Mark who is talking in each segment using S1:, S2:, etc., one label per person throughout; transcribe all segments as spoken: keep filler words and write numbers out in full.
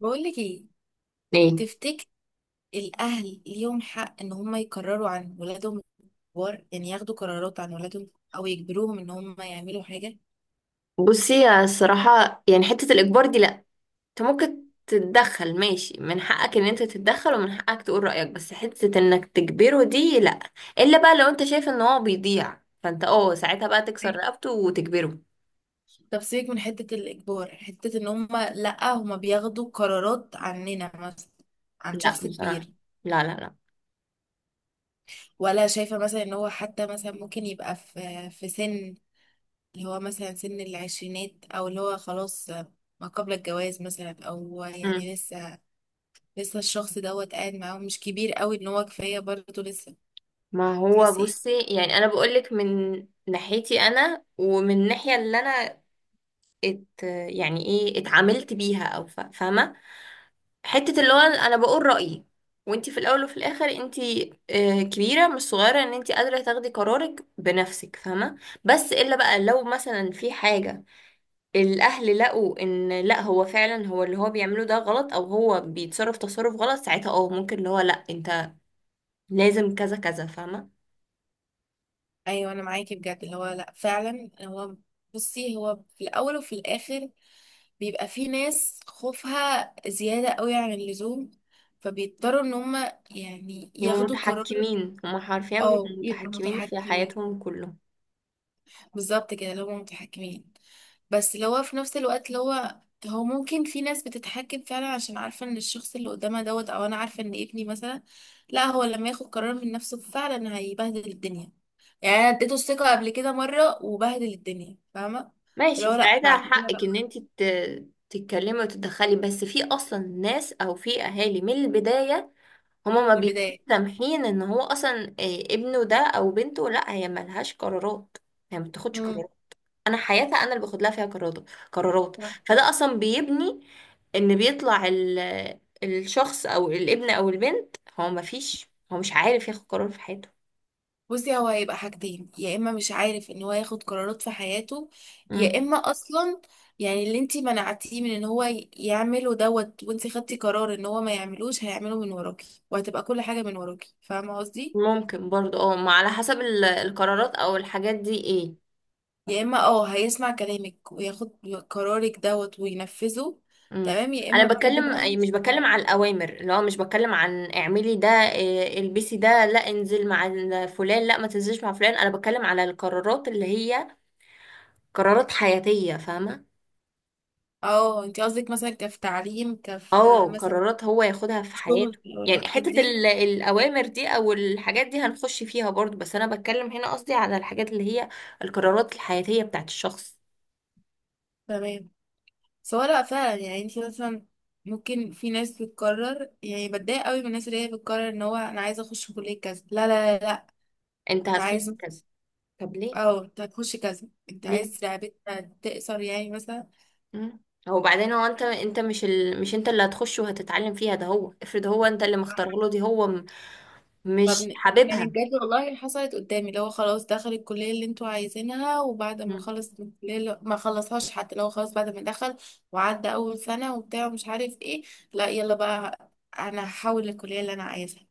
S1: بقولك ايه؟
S2: ايه.
S1: تفتكر الاهل ليهم حق ان هم يقرروا عن ولادهم؟ الكبار يعني ياخدوا قرارات عن ولادهم، او يجبروهم ان هم يعملوا حاجه؟
S2: بصي، يا الصراحة يعني حتة الإجبار دي لأ. انت ممكن تتدخل، ماشي، من حقك ان انت تتدخل ومن حقك تقول رأيك، بس حتة انك تجبره دي لأ. الا بقى لو انت شايف ان هو بيضيع، فانت اه ساعتها بقى تكسر
S1: أيوة.
S2: رقبته وتجبره.
S1: طب سيبك من حته الاجبار، حته ان هم لا هم بياخدوا قرارات عننا مثلا، عن
S2: لأ
S1: شخص
S2: بصراحة.
S1: كبير
S2: لا لا لا.
S1: ولا شايفه مثلا ان هو حتى مثلا ممكن يبقى في في سن اللي هو مثلا سن العشرينات، او اللي هو خلاص ما قبل الجواز مثلا، او
S2: مم.
S1: يعني لسه لسه الشخص دوت قاعد معاهم، مش كبير قوي ان هو كفايه برضه لسه،
S2: ما هو
S1: تحسي ايه؟
S2: بصي، يعني انا بقولك من ناحيتي انا ومن الناحية اللي انا ات يعني ايه اتعاملت بيها او ف- فاهمه. حته اللي هو انا بقول رايي، وانتي في الاول وفي الاخر انتي آه، كبيره مش صغيره ان انتي قادره تاخدي قرارك بنفسك، فاهمه؟ بس الا بقى لو مثلا في حاجه الاهل لقوا ان لا، هو فعلا هو اللي هو بيعمله ده غلط، او هو بيتصرف تصرف غلط، ساعتها اه ممكن اللي هو لا، انت لازم كذا كذا، فاهمه؟
S1: ايوه انا معاكي بجد، اللي هو لا فعلا هو، بصي هو في الاول وفي الاخر بيبقى في ناس خوفها زياده قوي عن اللزوم، فبيضطروا ان هم يعني
S2: يبقوا
S1: ياخدوا قرار.
S2: متحكمين هما، حرفيا بيبقوا
S1: اه يبقوا
S2: متحكمين في
S1: متحكمين،
S2: حياتهم كلهم.
S1: بالظبط كده اللي هم متحكمين. بس اللي هو في نفس الوقت اللي هو، هو ممكن في ناس بتتحكم فعلا عشان عارفة ان الشخص اللي قدامها دوت، او انا عارفة ان ابني مثلا لا هو لما ياخد قرار من نفسه فعلا هيبهدل الدنيا. يعني انا اديته الثقة قبل كده مرة وبهدل الدنيا، فاهمة؟ فاللي
S2: ماشي،
S1: هو لا بعد
S2: ساعتها
S1: كده
S2: حقك
S1: بقى،
S2: ان انت ت- تتكلمي وتتدخلي، بس في اصلا ناس او في اهالي من البداية هما ما
S1: من
S2: بيبقوش
S1: البداية.
S2: سامحين ان هو اصلا إيه، ابنه ده او بنته لا، هي ملهاش قرارات، هي ما بتاخدش
S1: امم.
S2: قرارات. انا حياتها انا اللي باخد لها فيها قرارات قرارات. فده اصلا بيبني ان بيطلع ال- الشخص او الابن او البنت، هو ما فيش، هو مش عارف ياخد قرار في حياته.
S1: بصي هو هيبقى حاجتين، يا اما مش عارف ان هو ياخد قرارات في حياته، يا
S2: مم.
S1: اما اصلا يعني اللي انتي منعتيه من ان هو ي- يعمله دوت، وانتي خدتي قرار ان هو ما يعملوش، هيعمله من وراكي، وهتبقى كل حاجة من وراكي، فاهمة قصدي؟
S2: ممكن برضه اه ما، على حسب ال- القرارات او الحاجات دي ايه.
S1: يا اما اه هيسمع كلامك وياخد قرارك دوت وينفذه،
S2: امم.
S1: تمام، يا
S2: انا
S1: اما بجد
S2: بتكلم
S1: بقى
S2: أي-
S1: مش
S2: مش
S1: عارف.
S2: بتكلم عن الاوامر، اللي هو مش بتكلم عن اعملي ده، إيه، البسي ده، لا انزل مع ال- فلان، لا ما تنزلش مع فلان. انا بتكلم على القرارات اللي هي قرارات حياتية، فاهمة؟
S1: اه انتي قصدك مثلا كف تعليم، كف
S2: اه
S1: مثلا
S2: قرارات هو ياخدها في
S1: شغل،
S2: حياته.
S1: او
S2: يعني
S1: الحاجات
S2: حتة
S1: دي؟
S2: ال- الأوامر دي أو الحاجات دي هنخش فيها برضو، بس أنا بتكلم هنا قصدي على الحاجات اللي هي القرارات الحياتية بتاعت الشخص.
S1: تمام. سواء لا فعلا يعني انت مثلا، ممكن في ناس بتقرر، يعني بتضايق قوي من الناس اللي هي بتقرر ان هو انا عايزه اخش كليه كذا، لا لا لا لا.
S2: أنت
S1: انت
S2: هتخش
S1: عايز،
S2: كذا، طب ليه؟
S1: او انت هتخش كذا، انت
S2: ليه؟
S1: عايز لعبتها تقصر يعني مثلا.
S2: مم. هو بعدين هو انت انت مش ال... مش انت اللي هتخش وهتتعلم فيها، ده هو افرض هو انت اللي مختار له دي، هو م...
S1: طب
S2: مش
S1: ن- يعني
S2: حاببها.
S1: بجد والله حصلت قدامي، اللي هو خلاص دخل الكلية اللي انتوا عايزينها، وبعد ما
S2: مم.
S1: خلص من الكلية اللي- ما خلصهاش، حتى لو خلاص بعد ما دخل وعدى أول سنة وبتاع ومش عارف ايه، لا يلا بقى، أنا هحول الكلية اللي أنا عايزها.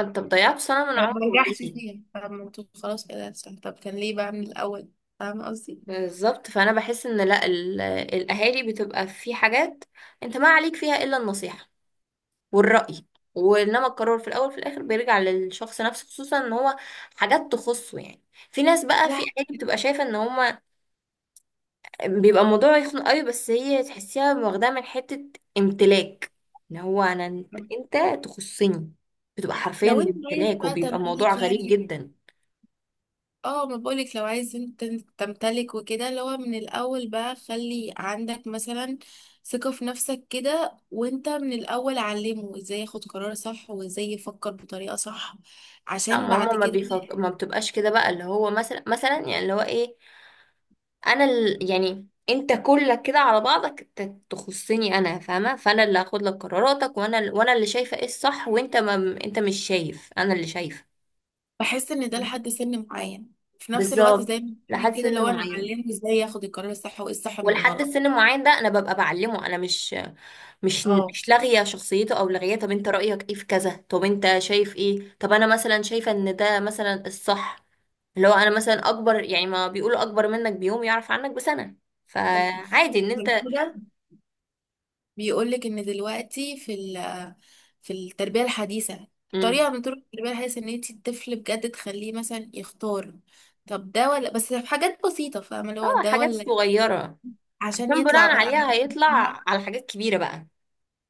S2: انت ضيعت سنة من
S1: يعني ما
S2: عمره،
S1: بنجحش
S2: ليه؟
S1: فيها، فاهمة؟ طب خلاص كده أحسن. طب كان ليه بقى من الأول، فاهمة قصدي؟
S2: بالظبط، فانا بحس ان لا، ال... الاهالي بتبقى في حاجات انت ما عليك فيها الا النصيحة والرأي، وانما القرار في الاول في الاخر بيرجع للشخص نفسه، خصوصا ان هو حاجات تخصه يعني. في ناس بقى، في
S1: لا
S2: اهالي بتبقى شايفة ان هم بيبقى الموضوع يخنق قوي، بس هي تحسيها واخداها من حتة امتلاك. ان هو انا، انت،
S1: حكمة.
S2: انت تخصني. بتبقى حرفيا
S1: لو انت عايز
S2: امتلاك،
S1: بقى
S2: وبيبقى الموضوع
S1: تمتلك
S2: غريب
S1: يعني،
S2: جدا.
S1: اه ما بقولك لو عايز انت تمتلك وكده، اللي هو من الأول بقى خلي عندك مثلا ثقة في نفسك كده، وانت من الأول علمه ازاي ياخد قرار صح، وازاي يفكر بطريقة صح،
S2: لا
S1: عشان
S2: ماما،
S1: بعد
S2: ما
S1: كده.
S2: بيفك... ما بتبقاش كده بقى اللي هو مثلا، مثلا يعني اللي هو ايه، انا ال... يعني انت كلك كده على بعضك انت تخصني انا، فاهمه؟ فانا اللي هاخد لك قراراتك، وانا ال- وانا اللي شايفه ايه الصح، وانت ما... انت مش شايف، انا اللي شايفه.
S1: بحس ان ده لحد سن معين، في نفس الوقت
S2: بالظبط.
S1: زي ما بقولك
S2: لحد
S1: كده،
S2: سن
S1: لو انا
S2: معين،
S1: علمه ازاي ياخد القرار الصح، وايه الصح من
S2: ولحد
S1: الغلط.
S2: السن معين ده انا ببقى بعلمه. انا مش مش
S1: اه،
S2: مش لاغيه شخصيته او لاغيه، طب انت رايك ايه في كذا، طب انت شايف ايه، طب انا مثلا شايفه ان ده مثلا الصح. اللي هو انا مثلا اكبر، يعني ما بيقولوا اكبر منك بيوم يعرف عنك بسنه، فعادي ان
S1: عشان
S2: انت.
S1: كده بيقول لك ان دلوقتي في ال- في التربيه الحديثه،
S2: مم.
S1: طريقه من طرق التربيه الحديثه ان انت الطفل بجد تخليه مثلا يختار. طب ده ولا، بس في حاجات بسيطه فاهمه، اللي هو
S2: اه،
S1: ده
S2: حاجات
S1: ولا،
S2: صغيره
S1: عشان
S2: عشان
S1: يطلع
S2: بناء
S1: بقى
S2: عليها
S1: عارف إن
S2: هيطلع
S1: هو-
S2: على حاجات كبيره بقى.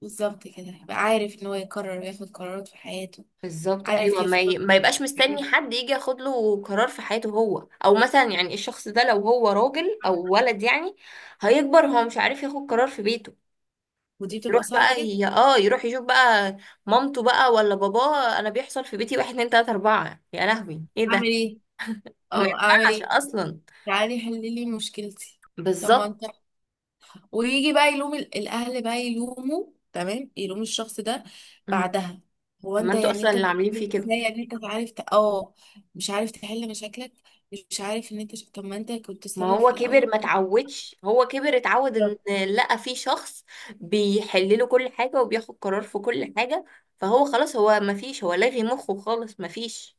S1: بالظبط كده، يبقى عارف ان هو يقرر وياخد قرارات في حياته.
S2: بالظبط
S1: عارف
S2: ايوه، ما,
S1: يختار،
S2: ي... ما يبقاش مستني
S1: عارف.
S2: حد يجي ياخد له قرار في حياته هو، او مثلا يعني الشخص ده لو هو راجل او ولد يعني هيكبر هو مش عارف ياخد قرار في بيته.
S1: ودي بتبقى
S2: يروح
S1: صعبه
S2: بقى
S1: جدا.
S2: ي... اه يروح يشوف بقى مامته بقى ولا باباه. انا بيحصل في بيتي، واحد اتنين تلاته اربعه، يا لهوي ايه ده،
S1: اعمل ايه،
S2: ما
S1: اه اعمل
S2: ينفعش
S1: ايه،
S2: اصلا.
S1: تعالي حللي مشكلتي. طب ما انت،
S2: بالظبط.
S1: ويجي بقى يلوم ال- الاهل بقى يلوموا، تمام، يلوم الشخص ده
S2: امم.
S1: بعدها. هو
S2: طب ما
S1: انت
S2: انتوا
S1: يعني
S2: اصلا
S1: انت
S2: اللي عاملين فيه
S1: بتقول
S2: كده.
S1: ازاي، يعني انت مش عارف ت- اه مش عارف تحل مشاكلك، مش عارف ان انت ش- طب ما انت كنت
S2: ما
S1: السبب في
S2: هو
S1: الاول.
S2: كبر، ما اتعودش، هو كبر اتعود ان
S1: بالظبط.
S2: لقى في شخص بيحل له كل حاجة وبياخد قرار في كل حاجة، فهو خلاص، هو ما فيش، هو لاغي مخه خالص، ما فيش.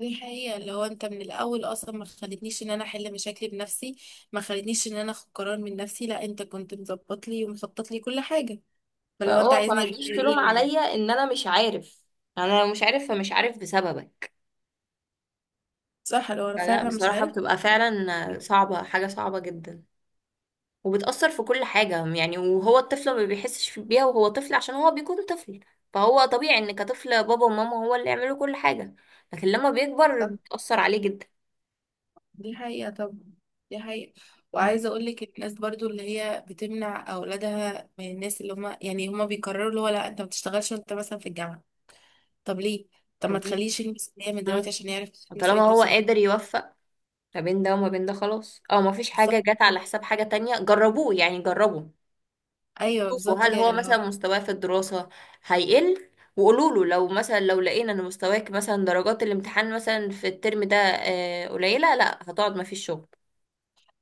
S1: دي حقيقة، اللي هو انت من الاول اصلا ما خلتنيش ان انا احل مشاكلي بنفسي، ما خلتنيش ان انا اخد قرار من نفسي، لا انت كنت مظبط لي ومخطط لي كل حاجة، فلو انت
S2: فهو فما
S1: عايزني احل
S2: تجيش تلوم
S1: ايه يعني؟
S2: عليا ان انا مش عارف، انا لو مش عارف فمش عارف بسببك.
S1: صح، لو انا
S2: فلا
S1: فعلا مش
S2: بصراحة، بتبقى فعلا
S1: عارف.
S2: صعبة، حاجة صعبة جدا، وبتأثر في كل حاجة يعني، وهو الطفل ما بيحسش بيها وهو طفل عشان هو بيكون طفل، فهو طبيعي ان كطفل بابا وماما هو اللي يعملوا كل حاجة، لكن لما بيكبر بتأثر عليه جدا.
S1: دي حقيقة طبعا، دي حقيقة.
S2: مم.
S1: وعايزة أقولك الناس برضو اللي هي بتمنع أولادها من الناس، اللي هما يعني هما بيقرروا اللي هو لا أنت ما بتشتغلش وأنت مثلا في الجامعة، طب ليه؟ طب ما
S2: طب ليه؟
S1: تخليش يلمس اللي هي من
S2: مم.
S1: دلوقتي عشان يعرف
S2: طالما
S1: مسؤولية
S2: هو
S1: نفسه بعد.
S2: قادر يوفق ما بين ده وما بين ده خلاص، او ما فيش حاجة
S1: بالظبط،
S2: جت على حساب حاجة تانية، جربوه يعني، جربوا،
S1: أيوه
S2: شوفوا
S1: بالظبط
S2: هل
S1: كده
S2: هو
S1: اللي هو،
S2: مثلا مستواه في الدراسة هيقل، وقولوا له لو مثلا لو لقينا ان مستواك مثلا درجات الامتحان مثلا في الترم ده آه، قليلة، لا هتقعد ما فيش شغل.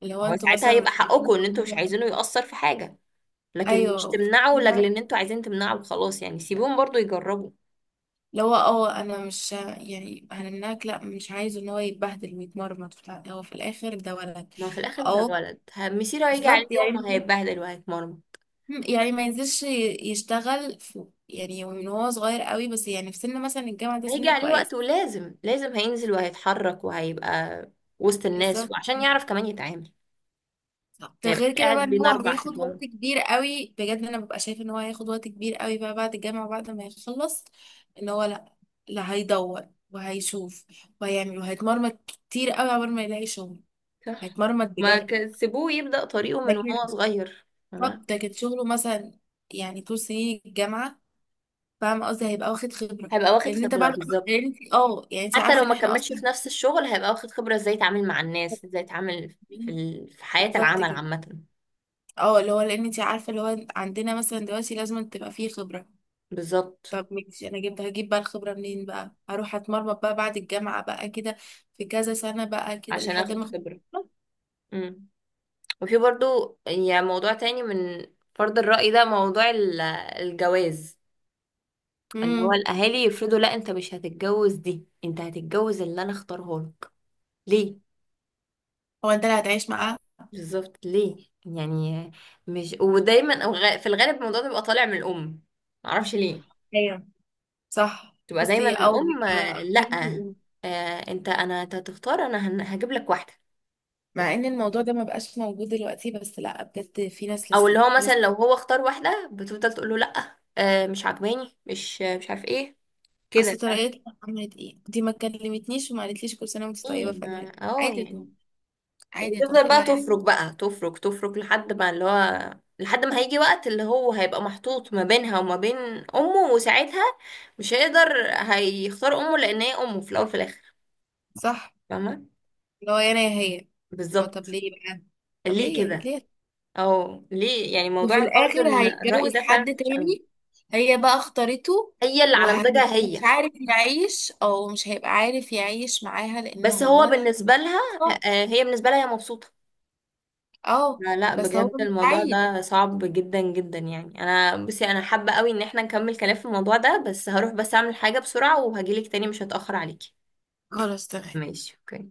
S1: اللي هو
S2: هو
S1: أنتوا
S2: ساعتها
S1: مثلا
S2: هيبقى
S1: مش عارفين
S2: حقكم ان انتوا مش
S1: تكونوا-
S2: عايزينه يأثر في حاجة، لكن مش
S1: أيوه في نفس
S2: تمنعه لاجل ان
S1: الوقت،
S2: انتوا عايزين تمنعه وخلاص يعني، سيبوهم برضو يجربوا.
S1: اللي هو اه أنا مش يعني هنمنعك، لا مش عايزه إن هو يتبهدل ويتمرمط وبتاع. هو في الآخر ده ولد.
S2: ما في الاخر ده
S1: أه.
S2: ولد، ه- مصيره هيجي عليه
S1: بالظبط
S2: يوم
S1: يعني.
S2: وهيتبهدل وهيتمرمط.
S1: مم، يعني ما ينزلش ي- يشتغل في يعني من هو صغير قوي، بس يعني في سن مثلا الجامعة ده
S2: هيجي
S1: سن
S2: عليه وقت،
S1: كويس.
S2: ولازم لازم هينزل وهيتحرك وهيبقى وسط
S1: بالظبط.
S2: الناس، وعشان يعرف كمان يتعامل،
S1: صح.
S2: ما
S1: ده
S2: يبقاش
S1: غير كده
S2: قاعد
S1: بقى ان
S2: بين
S1: هو
S2: أربع
S1: هياخد
S2: حيطان.
S1: وقت كبير قوي، بجد انا ببقى شايف ان هو هياخد وقت كبير قوي بقى بعد الجامعة وبعد ما يخلص، ان هو لا، لا هيدور وهيشوف وهيعمل وهيتمرمط كتير قوي قبل ما يلاقي شغل.
S2: صح،
S1: هيتمرمط
S2: ما
S1: بجد.
S2: ك- سيبوه يبدأ طريقه من وهو
S1: لكن
S2: صغير. تمام،
S1: بالظبط، لكن شغله مثلا، يعني طول سنين الجامعة، فاهم قصدي، هيبقى واخد خبرة.
S2: هيبقى واخد
S1: لان انت
S2: خبرة
S1: بعد، لان
S2: بالظبط.
S1: انت اه يعني انت
S2: حتى لو
S1: عارفه ان
S2: ما
S1: احنا
S2: كملش
S1: اصلا.
S2: في نفس الشغل، هيبقى واخد خبرة ازاي يتعامل مع الناس، ازاي يتعامل في ال... في حياة
S1: بالظبط
S2: العمل
S1: كده،
S2: عامة.
S1: اه اللي هو لان انت عارفه، اللي هو عندنا مثلا دلوقتي لازم تبقى فيه خبره.
S2: بالظبط،
S1: طب ماشي انا جبت، هجيب بقى الخبره منين بقى؟ هروح اتمرمط بقى بعد الجامعه بقى كده، في كذا سنه بقى كده
S2: عشان
S1: لحد
S2: اخد
S1: ما اخد
S2: خبرة.
S1: خبرة.
S2: امم. وفي برضو يعني موضوع تاني من فرض الرأي ده، موضوع ال- الجواز، اللي هو
S1: امم.
S2: الاهالي يفرضوا لا، انت مش هتتجوز دي، انت هتتجوز اللي انا اختاره لك، ليه؟
S1: هو انت اللي هتعيش معاه؟
S2: بالظبط ليه يعني، مش، ودايما أو غ- في الغالب الموضوع ده بيبقى طالع من الام، معرفش ليه.
S1: ايوه صح.
S2: تبقى دايما
S1: بصي او
S2: الام،
S1: بيبقى
S2: آه، لا،
S1: اكتر حقوق.
S2: آه، انت، انا انت هتختار، انا هن- هجيب لك واحده. طب،
S1: مع ان الموضوع ده ما بقاش موجود دلوقتي، بس لا بجد في ناس
S2: او اللي
S1: لسه
S2: هو مثلا
S1: لسه،
S2: لو هو اختار واحده بتفضل تقول له لا، آه، مش عجباني، مش مش عارف ايه. كده
S1: اصل
S2: فاهم؟
S1: طريقتها عملت ايه دي؟ ما كلمتنيش وما قالتليش، كل سنه وانت
S2: ايه؟
S1: طيبه،
S2: ما
S1: فجأة
S2: اه
S1: عادي يا طنط-
S2: يعني.
S1: عادي يا طنط
S2: وتفضل
S1: إيه اللي
S2: بقى
S1: هيحصل؟
S2: تفرك بقى تفرك تفرك لحد ما اللي هو، لحد ما هيجي وقت اللي هو هيبقى محطوط ما بينها وما بين امه، وساعتها مش هيقدر، هيختار امه لان هي امه في الاول في الاخر،
S1: صح،
S2: فاهمه؟
S1: اللي هو يا انا يا هي. اه طب
S2: بالظبط.
S1: ليه بقى، طب
S2: ليه
S1: ليه
S2: كده،
S1: ليه؟
S2: او ليه يعني موضوع
S1: وفي
S2: فرض
S1: الاخر
S2: ال- الرأي
S1: هيتجوز
S2: ده فعلا
S1: حد
S2: وحش قوي.
S1: تاني، هي بقى اختارته،
S2: هي اللي على مزاجها
S1: ومش
S2: هي،
S1: عارف يعيش، او مش هيبقى عارف يعيش معاها لان
S2: بس هو
S1: هو،
S2: بالنسبه لها،
S1: اه.
S2: آه، هي بالنسبه لها هي مبسوطه.
S1: آه،
S2: لا لا،
S1: بس هو
S2: بجد
S1: مش
S2: الموضوع
S1: عايز.
S2: ده صعب جدا جدا يعني. انا بصي، انا حابة قوي ان احنا نكمل كلام في الموضوع ده، بس هروح بس اعمل حاجة بسرعة وهجيلك تاني، مش هتأخر عليكي.
S1: خلاص تمام.
S2: ماشي، اوكي.